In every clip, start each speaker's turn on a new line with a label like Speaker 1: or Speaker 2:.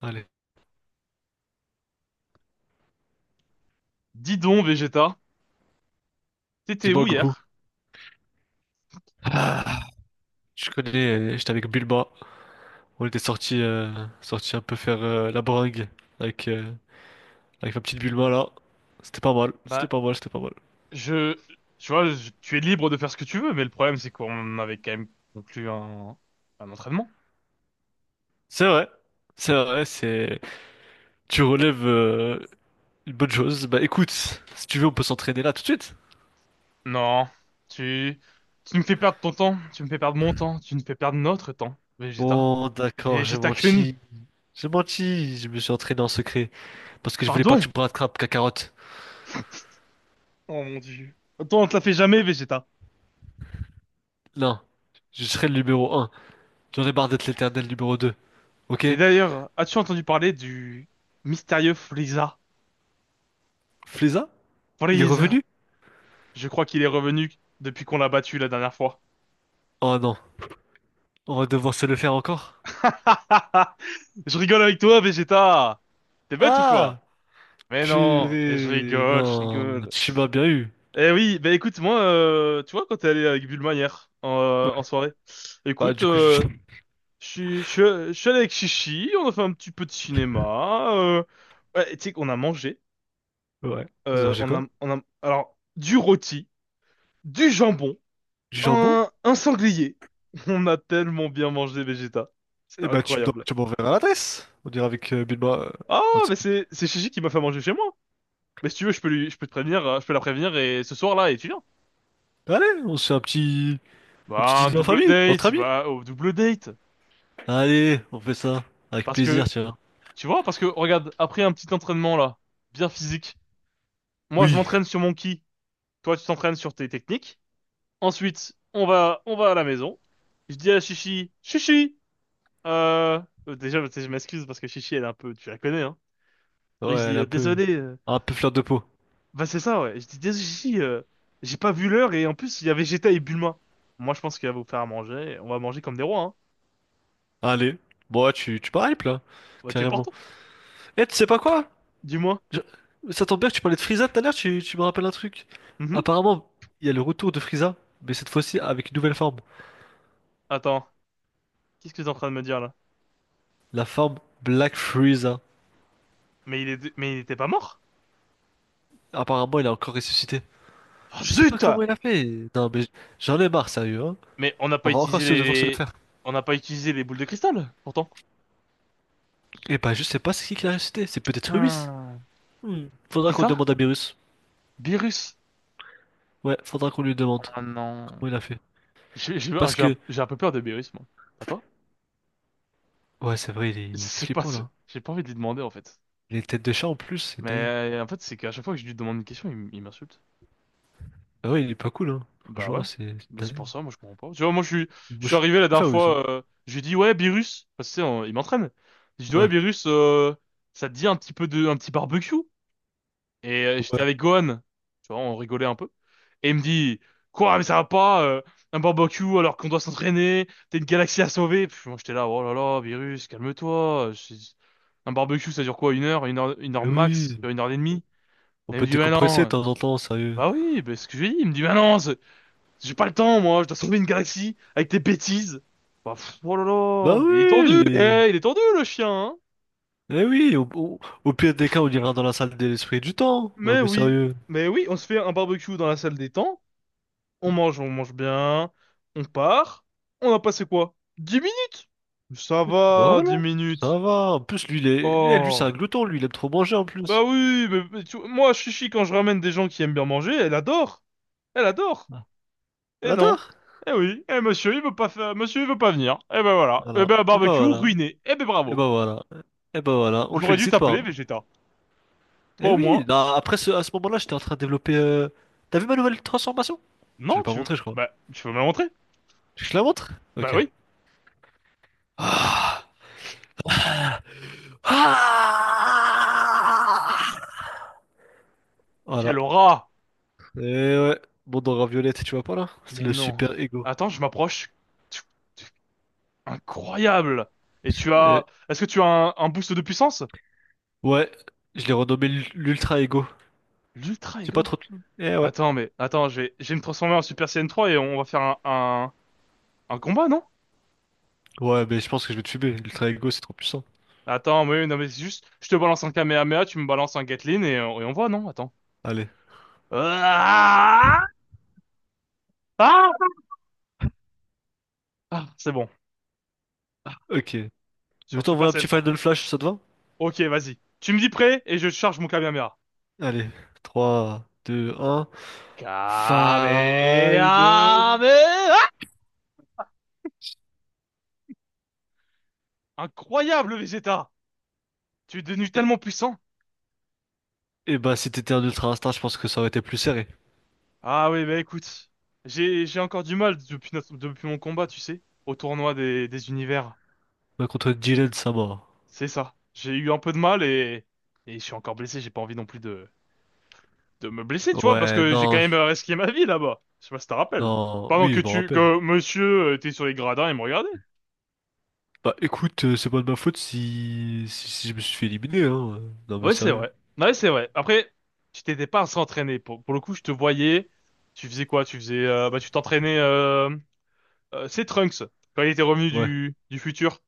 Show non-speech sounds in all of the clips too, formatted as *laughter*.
Speaker 1: Allez,
Speaker 2: Dis donc, Vegeta, t'étais
Speaker 1: dis-moi
Speaker 2: où
Speaker 1: Goku.
Speaker 2: hier?
Speaker 1: Ah, je connais, j'étais avec Bulma. On était sortis un peu faire la bringue avec, euh, avec ma petite Bulma là. C'était pas mal, c'était
Speaker 2: Bah,
Speaker 1: pas mal, c'était pas mal.
Speaker 2: je, tu vois, tu es libre de faire ce que tu veux, mais le problème, c'est qu'on avait quand même conclu un entraînement.
Speaker 1: C'est vrai, c'est vrai, c'est... Tu relèves une bonne chose. Bah écoute, si tu veux on peut s'entraîner là tout de suite.
Speaker 2: Non, tu, tu me fais perdre ton temps, tu me fais perdre mon temps, tu me fais perdre notre temps, Vegeta.
Speaker 1: Bon, d'accord, j'ai
Speaker 2: Vegeta Kun,
Speaker 1: menti. J'ai menti, je me suis entraîné en secret. Parce que je voulais pas que tu
Speaker 2: pardon?
Speaker 1: me rattrapes, Kakarot.
Speaker 2: Oh mon Dieu. Attends, on te l'a fait jamais, Vegeta.
Speaker 1: Non, je serai le numéro 1. J'en ai marre d'être l'éternel numéro 2. Ok?
Speaker 2: Mais d'ailleurs, as-tu entendu parler du mystérieux Frieza?
Speaker 1: Fléza? Il est
Speaker 2: Frieza,
Speaker 1: revenu?
Speaker 2: je crois qu'il est revenu depuis qu'on l'a battu la dernière fois.
Speaker 1: Oh non, on va devoir se le faire encore?
Speaker 2: *laughs* Je rigole avec toi, Vegeta. T'es bête ou quoi?
Speaker 1: Ah!
Speaker 2: Mais non, mais je
Speaker 1: Purée,
Speaker 2: rigole, je
Speaker 1: non,
Speaker 2: rigole.
Speaker 1: tu m'as bien eu.
Speaker 2: Eh oui, bah écoute, moi, tu vois, quand t'es allé avec Bulma hier, en
Speaker 1: Ouais,
Speaker 2: soirée,
Speaker 1: bah
Speaker 2: écoute,
Speaker 1: du coup, je...
Speaker 2: je suis je suis- je suis allé avec Chichi, on a fait un petit peu de cinéma, ouais, tu sais qu'on a mangé,
Speaker 1: *laughs* ouais. Vous mangez
Speaker 2: on
Speaker 1: quoi?
Speaker 2: a, on a, alors, du rôti, du jambon,
Speaker 1: Du jambon?
Speaker 2: un sanglier. *laughs* On a tellement bien mangé, Vegeta. C'était
Speaker 1: Eh bah tu me-
Speaker 2: incroyable.
Speaker 1: tu m'enverras l'adresse. On ira avec Bilma.
Speaker 2: Ah,
Speaker 1: Un de ces-
Speaker 2: mais c'est Chichi qui m'a fait manger chez moi. Mais si tu veux, je peux lui, je peux te prévenir, je peux la prévenir et ce soir-là, et tu viens.
Speaker 1: Allez, on se fait un petit
Speaker 2: Bah, un
Speaker 1: dîner en
Speaker 2: double
Speaker 1: famille, entre
Speaker 2: date,
Speaker 1: amis.
Speaker 2: bah, au double date.
Speaker 1: Allez, on fait ça. Avec
Speaker 2: Parce
Speaker 1: plaisir,
Speaker 2: que,
Speaker 1: tu vois.
Speaker 2: tu vois, parce que, regarde, après un petit entraînement là, bien physique, moi je
Speaker 1: Oui.
Speaker 2: m'entraîne sur mon ki, toi tu t'entraînes sur tes techniques. Ensuite, on va à la maison. Je dis à Chichi, Chichi, euh, déjà, tu sais, je m'excuse parce que Chichi, elle est un peu, tu la connais, hein.
Speaker 1: Ouais,
Speaker 2: Et je
Speaker 1: elle
Speaker 2: dis,
Speaker 1: est
Speaker 2: désolé,
Speaker 1: un peu fleur de peau.
Speaker 2: bah c'est ça, ouais. Je dis, désolé, Chichi, j'ai pas vu l'heure et en plus, il y avait Geta et Bulma. Moi, je pense qu'il va vous faire à manger, on va manger comme des rois, hein.
Speaker 1: Allez, bon, ouais, tu m'hypes, là.
Speaker 2: Bah, tu es
Speaker 1: Carrément.
Speaker 2: portant.
Speaker 1: Eh, tu sais pas quoi?
Speaker 2: Dis-moi.
Speaker 1: Je- Ça tombe bien que tu parlais de Frieza tout à l'heure, tu me rappelles un truc.
Speaker 2: Mhm.
Speaker 1: Apparemment, il y a le retour de Frieza, mais cette fois-ci avec une nouvelle forme.
Speaker 2: Attends, qu'est-ce que t'es en train de me dire là?
Speaker 1: La forme Black Frieza.
Speaker 2: Mais il est, mais il était pas mort?
Speaker 1: Apparemment, il a encore ressuscité.
Speaker 2: Ah
Speaker 1: Je sais pas
Speaker 2: zut!
Speaker 1: comment il a fait. Non, mais j'en ai marre, sérieux, hein.
Speaker 2: Mais on n'a
Speaker 1: On
Speaker 2: pas
Speaker 1: va encore
Speaker 2: utilisé
Speaker 1: se devoir se le
Speaker 2: les,
Speaker 1: faire.
Speaker 2: on n'a pas utilisé les boules de cristal, pourtant.
Speaker 1: Et bah, je sais pas c'est qui l'a ressuscité. C'est peut-être Ruiz.
Speaker 2: Hmm.
Speaker 1: Hmm. Faudra
Speaker 2: C'est
Speaker 1: qu'on
Speaker 2: ça?
Speaker 1: demande à Beerus.
Speaker 2: Beerus.
Speaker 1: Ouais, faudra qu'on lui demande
Speaker 2: Ah non.
Speaker 1: comment il a fait. Parce que,
Speaker 2: J'ai un peu peur de Beerus, moi. Pas toi?
Speaker 1: ouais, c'est vrai, il est
Speaker 2: C'est pas,
Speaker 1: flippant
Speaker 2: si-
Speaker 1: là.
Speaker 2: j'ai pas envie de lui demander en fait.
Speaker 1: Les têtes de chat en plus, c'est
Speaker 2: Mais
Speaker 1: dingue.
Speaker 2: en fait, c'est qu'à chaque fois que je lui demande une question, il m'insulte.
Speaker 1: Ah ouais, il est pas cool, hein.
Speaker 2: Bah ouais,
Speaker 1: Franchement, c'est
Speaker 2: bah, c'est
Speaker 1: dingue.
Speaker 2: pour ça, moi je comprends pas. Tu vois, moi je suis, je
Speaker 1: Moi,
Speaker 2: suis
Speaker 1: je
Speaker 2: arrivé la dernière
Speaker 1: préfère Ruiz, hein.
Speaker 2: fois, j'ai dit ouais, Beerus, parce que tu sais, il m'entraîne. J'ai dit ouais,
Speaker 1: Ouais.
Speaker 2: Beerus, ça te dit un petit peu de, un petit barbecue? Et
Speaker 1: Ouais.
Speaker 2: j'étais avec Gohan, tu vois, on rigolait un peu. Et il me dit, quoi, mais ça va pas, un barbecue alors qu'on doit s'entraîner, t'es une galaxie à sauver. Puis moi j'étais là, oh là là, Beerus, calme-toi. Un barbecue ça dure quoi, une heure, une heure, une heure
Speaker 1: Eh
Speaker 2: max, tu
Speaker 1: oui,
Speaker 2: vois, une heure et demie?
Speaker 1: on
Speaker 2: Et il me
Speaker 1: peut
Speaker 2: dit, ouais,
Speaker 1: décompresser de
Speaker 2: non.
Speaker 1: temps en temps, sérieux.
Speaker 2: Bah oui, bah, c'est ce que je lui ai dit. Il me dit, bah non, j'ai pas le temps, moi, je dois sauver une galaxie avec tes bêtises. Bah, pff, oh là
Speaker 1: Bah
Speaker 2: là, mais il est tendu,
Speaker 1: oui!
Speaker 2: eh, il est tendu le chien, hein.
Speaker 1: Eh oui, au- au pire des cas, on ira dans la salle de l'esprit du temps. Non
Speaker 2: Mais
Speaker 1: mais
Speaker 2: oui,
Speaker 1: sérieux.
Speaker 2: mais oui, on se fait un barbecue dans la salle des temps, on mange bien, on part, on a passé quoi? 10 minutes? Ça
Speaker 1: Bah
Speaker 2: va, 10
Speaker 1: voilà, ça
Speaker 2: minutes.
Speaker 1: va. En plus, lui, il est- lui, eh, lui, c'est un
Speaker 2: Oh,
Speaker 1: glouton, lui, il aime trop manger en
Speaker 2: bah
Speaker 1: plus.
Speaker 2: oui, moi, Chichi, quand je ramène des gens qui aiment bien manger, elle adore, elle adore.
Speaker 1: Ah. Elle
Speaker 2: Eh non.
Speaker 1: adore.
Speaker 2: Eh oui, eh monsieur, il veut pas faire, monsieur, il veut pas venir. Eh ben voilà, eh
Speaker 1: Voilà.
Speaker 2: ben
Speaker 1: Et bah
Speaker 2: barbecue
Speaker 1: voilà.
Speaker 2: ruiné. Eh ben
Speaker 1: Et
Speaker 2: bravo.
Speaker 1: bah voilà. Et bah voilà. On le
Speaker 2: J'aurais dû
Speaker 1: félicite pas,
Speaker 2: t'appeler,
Speaker 1: hein.
Speaker 2: Vegeta. Toi
Speaker 1: Eh
Speaker 2: au
Speaker 1: oui,
Speaker 2: moins.
Speaker 1: non, après ce- à ce moment-là, j'étais en train de développer. T'as vu ma nouvelle transformation? Je l'ai
Speaker 2: Non,
Speaker 1: pas
Speaker 2: tu veux...
Speaker 1: montré, je crois.
Speaker 2: Bah, tu veux me la montrer?
Speaker 1: Je te la montre?
Speaker 2: Bah
Speaker 1: Ok.
Speaker 2: oui.
Speaker 1: Ah! Ah voilà.
Speaker 2: Quelle aura!
Speaker 1: Et ouais, bon dans Raviolette, tu vois pas là? C'est
Speaker 2: Mais
Speaker 1: le
Speaker 2: non.
Speaker 1: super ego.
Speaker 2: Attends, je m'approche. Tu- tu- Incroyable!
Speaker 1: Et
Speaker 2: Est-ce que tu as un boost de puissance?
Speaker 1: ouais, je l'ai renommé l'ultra ego.
Speaker 2: L'Ultra
Speaker 1: J'ai pas
Speaker 2: Ego?
Speaker 1: trop. De- Eh ouais.
Speaker 2: Attends, Attends, je vais me transformer en Super Saiyan 3 et on va faire un combat, non?
Speaker 1: Ouais, mais je pense que je vais te fumer. L'ultra ego, c'est trop puissant.
Speaker 2: Attends, oui, non, mais c'est juste... Je te balance un Kamehameha, tu me balances un Gatlin et on voit, non? Attends.
Speaker 1: Allez,
Speaker 2: Ah! Ah! Ah, c'est bon. Ah,
Speaker 1: ok. Je vais
Speaker 2: sur
Speaker 1: t'envoyer
Speaker 2: Super
Speaker 1: un
Speaker 2: Saiyan
Speaker 1: petit
Speaker 2: 3.
Speaker 1: Final Flash, ça te va?
Speaker 2: Ok, vas-y. Tu me dis prêt et je charge mon Kamehameha.
Speaker 1: Allez, trois, deux, un. Final.
Speaker 2: Kamehameha! Incroyable, Vegeta! Tu es devenu
Speaker 1: Et,
Speaker 2: tellement puissant.
Speaker 1: et bah, si t'étais un ultra instinct, je pense que ça aurait été plus serré.
Speaker 2: Ah oui, bah écoute, j'ai encore du mal depuis depuis mon combat, tu sais, au tournoi des univers.
Speaker 1: Mais contre Dylan, ça mort.
Speaker 2: C'est ça. J'ai eu un peu de mal et je suis encore blessé. J'ai pas envie non plus de me blesser, tu vois, parce
Speaker 1: Ouais,
Speaker 2: que j'ai quand
Speaker 1: non,
Speaker 2: même risqué ma vie là-bas. Je sais pas si t'en rappelles.
Speaker 1: non.
Speaker 2: Pendant
Speaker 1: Oui,
Speaker 2: que
Speaker 1: je m'en
Speaker 2: tu
Speaker 1: rappelle.
Speaker 2: que monsieur était sur les gradins et me regardait.
Speaker 1: Bah écoute, c'est pas de ma faute si... si si je me suis fait éliminer, hein. Non mais
Speaker 2: Ouais, c'est
Speaker 1: sérieux.
Speaker 2: vrai. Ouais, c'est vrai. Après, tu t'étais pas à s'entraîner. Pour le coup, je te voyais. Tu faisais quoi? Tu faisais, bah, tu t'entraînais, c'est Trunks. Quand il était revenu
Speaker 1: Ouais,
Speaker 2: du futur,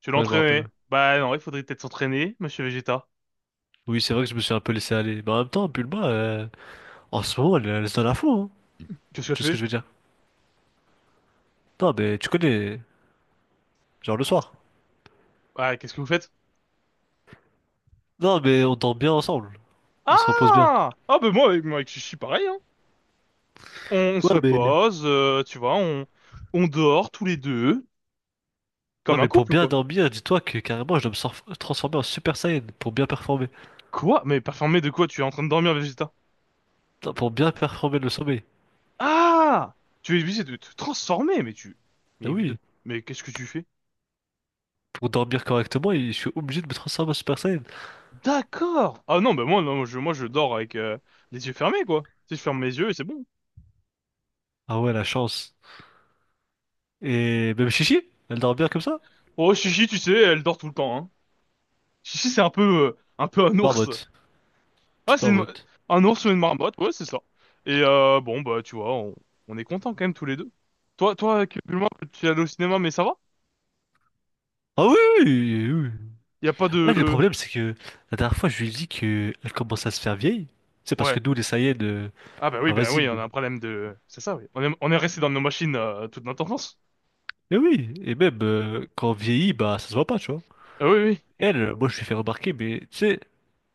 Speaker 2: tu
Speaker 1: ouais, je me rappelle,
Speaker 2: l'entraînais.
Speaker 1: ouais.
Speaker 2: Bah, non, il faudrait peut-être s'entraîner, monsieur Vegeta.
Speaker 1: Oui, c'est vrai que je me suis un peu laissé aller. Mais en même temps, en ce moment, elle se donne à fond, hein.
Speaker 2: Qu'est-ce que
Speaker 1: Tu
Speaker 2: tu
Speaker 1: sais ce que
Speaker 2: fais?
Speaker 1: je veux dire. Non mais tu connais, genre le soir.
Speaker 2: Ah, qu'est-ce que vous faites?
Speaker 1: Non mais on dort bien ensemble, on se repose bien.
Speaker 2: Ah! Ah, ben moi, avec Chichi, pareil, hein. On
Speaker 1: Ouais
Speaker 2: se
Speaker 1: mais...
Speaker 2: repose, tu vois, on dort tous les deux. Comme
Speaker 1: Ouais
Speaker 2: un
Speaker 1: mais pour
Speaker 2: couple,
Speaker 1: bien
Speaker 2: quoi.
Speaker 1: dormir, dis-toi que carrément je dois me transformer en Super Saiyan pour bien performer.
Speaker 2: Quoi? Mais performer de quoi? Tu es en train de dormir, Vegeta?
Speaker 1: Non, pour bien performer le sommeil.
Speaker 2: Ah! Tu es obligé de te transformer, mais tu...
Speaker 1: Ah
Speaker 2: Mais, de-
Speaker 1: oui,
Speaker 2: mais qu'est-ce que tu fais?
Speaker 1: pour dormir correctement, il- je suis obligé de me transformer en Super Saiyan.
Speaker 2: D'accord! Ah non, bah moi, non, moi je dors avec les yeux fermés, quoi. Tu sais, je ferme mes yeux et c'est bon.
Speaker 1: Ah ouais, la chance. Et même Chichi, elle dort bien comme ça?
Speaker 2: Oh, Chichi, tu sais, elle dort tout le temps, hein. Chichi, c'est un peu un ours.
Speaker 1: Barbotte,
Speaker 2: Ah,
Speaker 1: petite barbotte.
Speaker 2: un ours ou une marmotte, ouais, c'est ça. Et bon, bah, tu vois, on est contents quand même tous les deux. Toi, Kepulma, tu es allé au cinéma, mais ça va?
Speaker 1: Ah oui, oui, oui.
Speaker 2: Y a pas de...
Speaker 1: Ouais, le problème, c'est que la dernière fois, je lui ai dit que elle commence à se faire vieille. C'est parce que
Speaker 2: Ouais.
Speaker 1: nous, les
Speaker 2: Ah
Speaker 1: bah
Speaker 2: bah
Speaker 1: vas-y.
Speaker 2: oui, on a un problème de... C'est ça, oui. On est resté dans nos machines toute notre enfance.
Speaker 1: Mais oui, et même quand on vieillit, bah ça se voit pas, tu vois.
Speaker 2: Ah oui, oui,
Speaker 1: Moi, je lui ai fait remarquer, mais tu sais,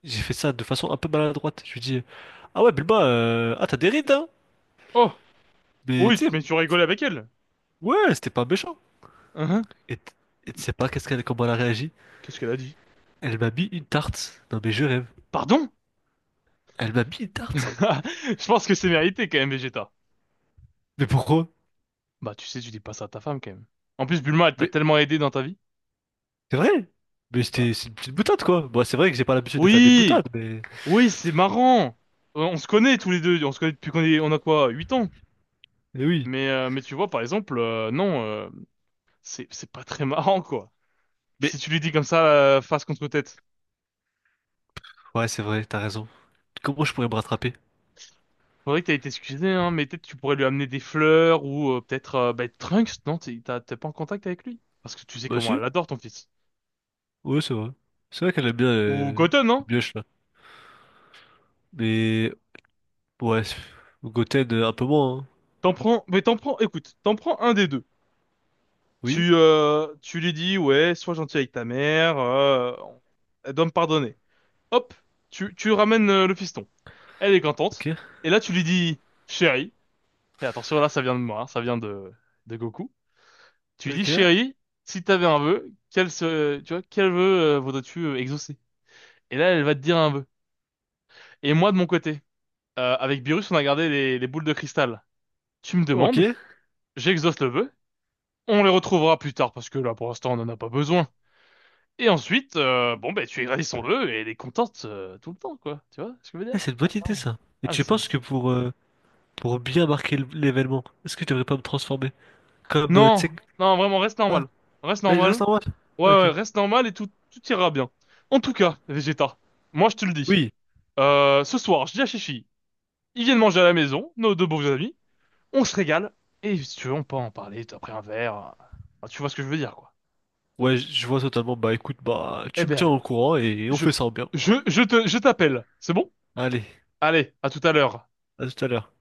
Speaker 1: j'ai fait ça de façon un peu maladroite. Je lui ai dit, ah ouais, ah t'as des rides, hein?
Speaker 2: oh,
Speaker 1: Mais
Speaker 2: oui,
Speaker 1: tu sais,
Speaker 2: mais tu rigoles avec elle.
Speaker 1: ouais, c'était pas méchant.
Speaker 2: Hein?
Speaker 1: Et t- et tu sais pas qu'est-ce qu'elle, comment elle a réagi?
Speaker 2: Qu'est-ce qu'elle a dit?
Speaker 1: Elle m'a mis une tarte. Non mais je rêve.
Speaker 2: Pardon?
Speaker 1: Elle m'a mis une tarte.
Speaker 2: *laughs* Je pense que c'est mérité quand même, Vegeta.
Speaker 1: Mais pourquoi?
Speaker 2: Bah, tu sais, tu dis pas ça à ta femme quand même. En plus, Bulma, elle t'a
Speaker 1: Mais
Speaker 2: tellement aidé dans ta vie.
Speaker 1: c'est vrai! Mais
Speaker 2: Bah.
Speaker 1: c'était c'est une petite boutade quoi! Bon, c'est vrai que j'ai pas l'habitude de faire des
Speaker 2: Oui,
Speaker 1: boutades, mais.
Speaker 2: oui, c'est marrant. On se connaît tous les deux, on se connaît depuis qu'on est, on a quoi, 8 ans.
Speaker 1: Mais oui!
Speaker 2: Mais tu vois, par exemple, non, c'est pas très marrant, quoi.
Speaker 1: Mais.
Speaker 2: Si tu lui dis comme ça, face contre tête.
Speaker 1: Ouais, c'est vrai, t'as raison. Comment je pourrais me rattraper?
Speaker 2: Faudrait que t'aies été excusé, hein, mais peut-être tu pourrais lui amener des fleurs ou peut-être bah, Trunks, non? T'es pas en contact avec lui? Parce que tu sais
Speaker 1: Bah
Speaker 2: comment
Speaker 1: si,
Speaker 2: elle adore ton fils.
Speaker 1: ouais, c'est vrai. C'est vrai qu'elle aime bien
Speaker 2: Ou Goten, hein.
Speaker 1: le mioche là. Mais. Ouais, c'est- Goten un peu moins, hein.
Speaker 2: T'en prends, mais t'en prends, écoute, t'en prends un des deux.
Speaker 1: Oui,
Speaker 2: Tu lui dis, ouais, sois gentil avec ta mère, elle doit me pardonner. Hop, tu ramènes le fiston. Elle est
Speaker 1: ok,
Speaker 2: contente. Et là, tu lui dis, chérie, et attention, là, ça vient de moi, hein, ça vient de Goku. Tu lui dis,
Speaker 1: ok,
Speaker 2: chérie, si t'avais un vœu, tu vois, quel vœu voudrais-tu exaucer? Et là, elle va te dire un vœu. Et moi, de mon côté, avec Beerus, on a gardé les boules de cristal. Tu me
Speaker 1: ok.
Speaker 2: demandes, j'exauce le vœu, on les retrouvera plus tard parce que là, pour l'instant, on n'en a pas besoin. Et ensuite, bon, ben, tu égratignes son vœu et elle est contente tout le temps, quoi. Tu vois ce que je veux
Speaker 1: Ah,
Speaker 2: dire?
Speaker 1: c'est une bonne
Speaker 2: Attends.
Speaker 1: idée ça. Et
Speaker 2: Ah, mais
Speaker 1: tu
Speaker 2: c'est une-
Speaker 1: penses que pour bien marquer l'événement, est-ce que je devrais pas me transformer? Comme, tu sais.
Speaker 2: Non,
Speaker 1: Que-
Speaker 2: non, vraiment, reste
Speaker 1: Ah,
Speaker 2: normal. Reste
Speaker 1: ouais, je
Speaker 2: normal.
Speaker 1: reste en mode.
Speaker 2: Ouais, ouais,
Speaker 1: Ok.
Speaker 2: reste normal et tout ira bien. En tout cas, Vegeta, moi, je te le dis.
Speaker 1: Oui.
Speaker 2: Ce soir, je dis à Chichi, ils viennent manger à la maison, nos deux beaux amis. On se régale, et si tu veux, on peut en parler après un verre. Enfin, tu vois ce que je veux dire, quoi.
Speaker 1: Ouais, je vois totalement. Bah écoute, bah
Speaker 2: Eh
Speaker 1: tu me
Speaker 2: ben,
Speaker 1: tiens
Speaker 2: allez.
Speaker 1: au courant et on
Speaker 2: Je,
Speaker 1: fait ça bien.
Speaker 2: je t'appelle. C'est bon?
Speaker 1: Allez,
Speaker 2: Allez, à tout à l'heure.
Speaker 1: à tout à l'heure.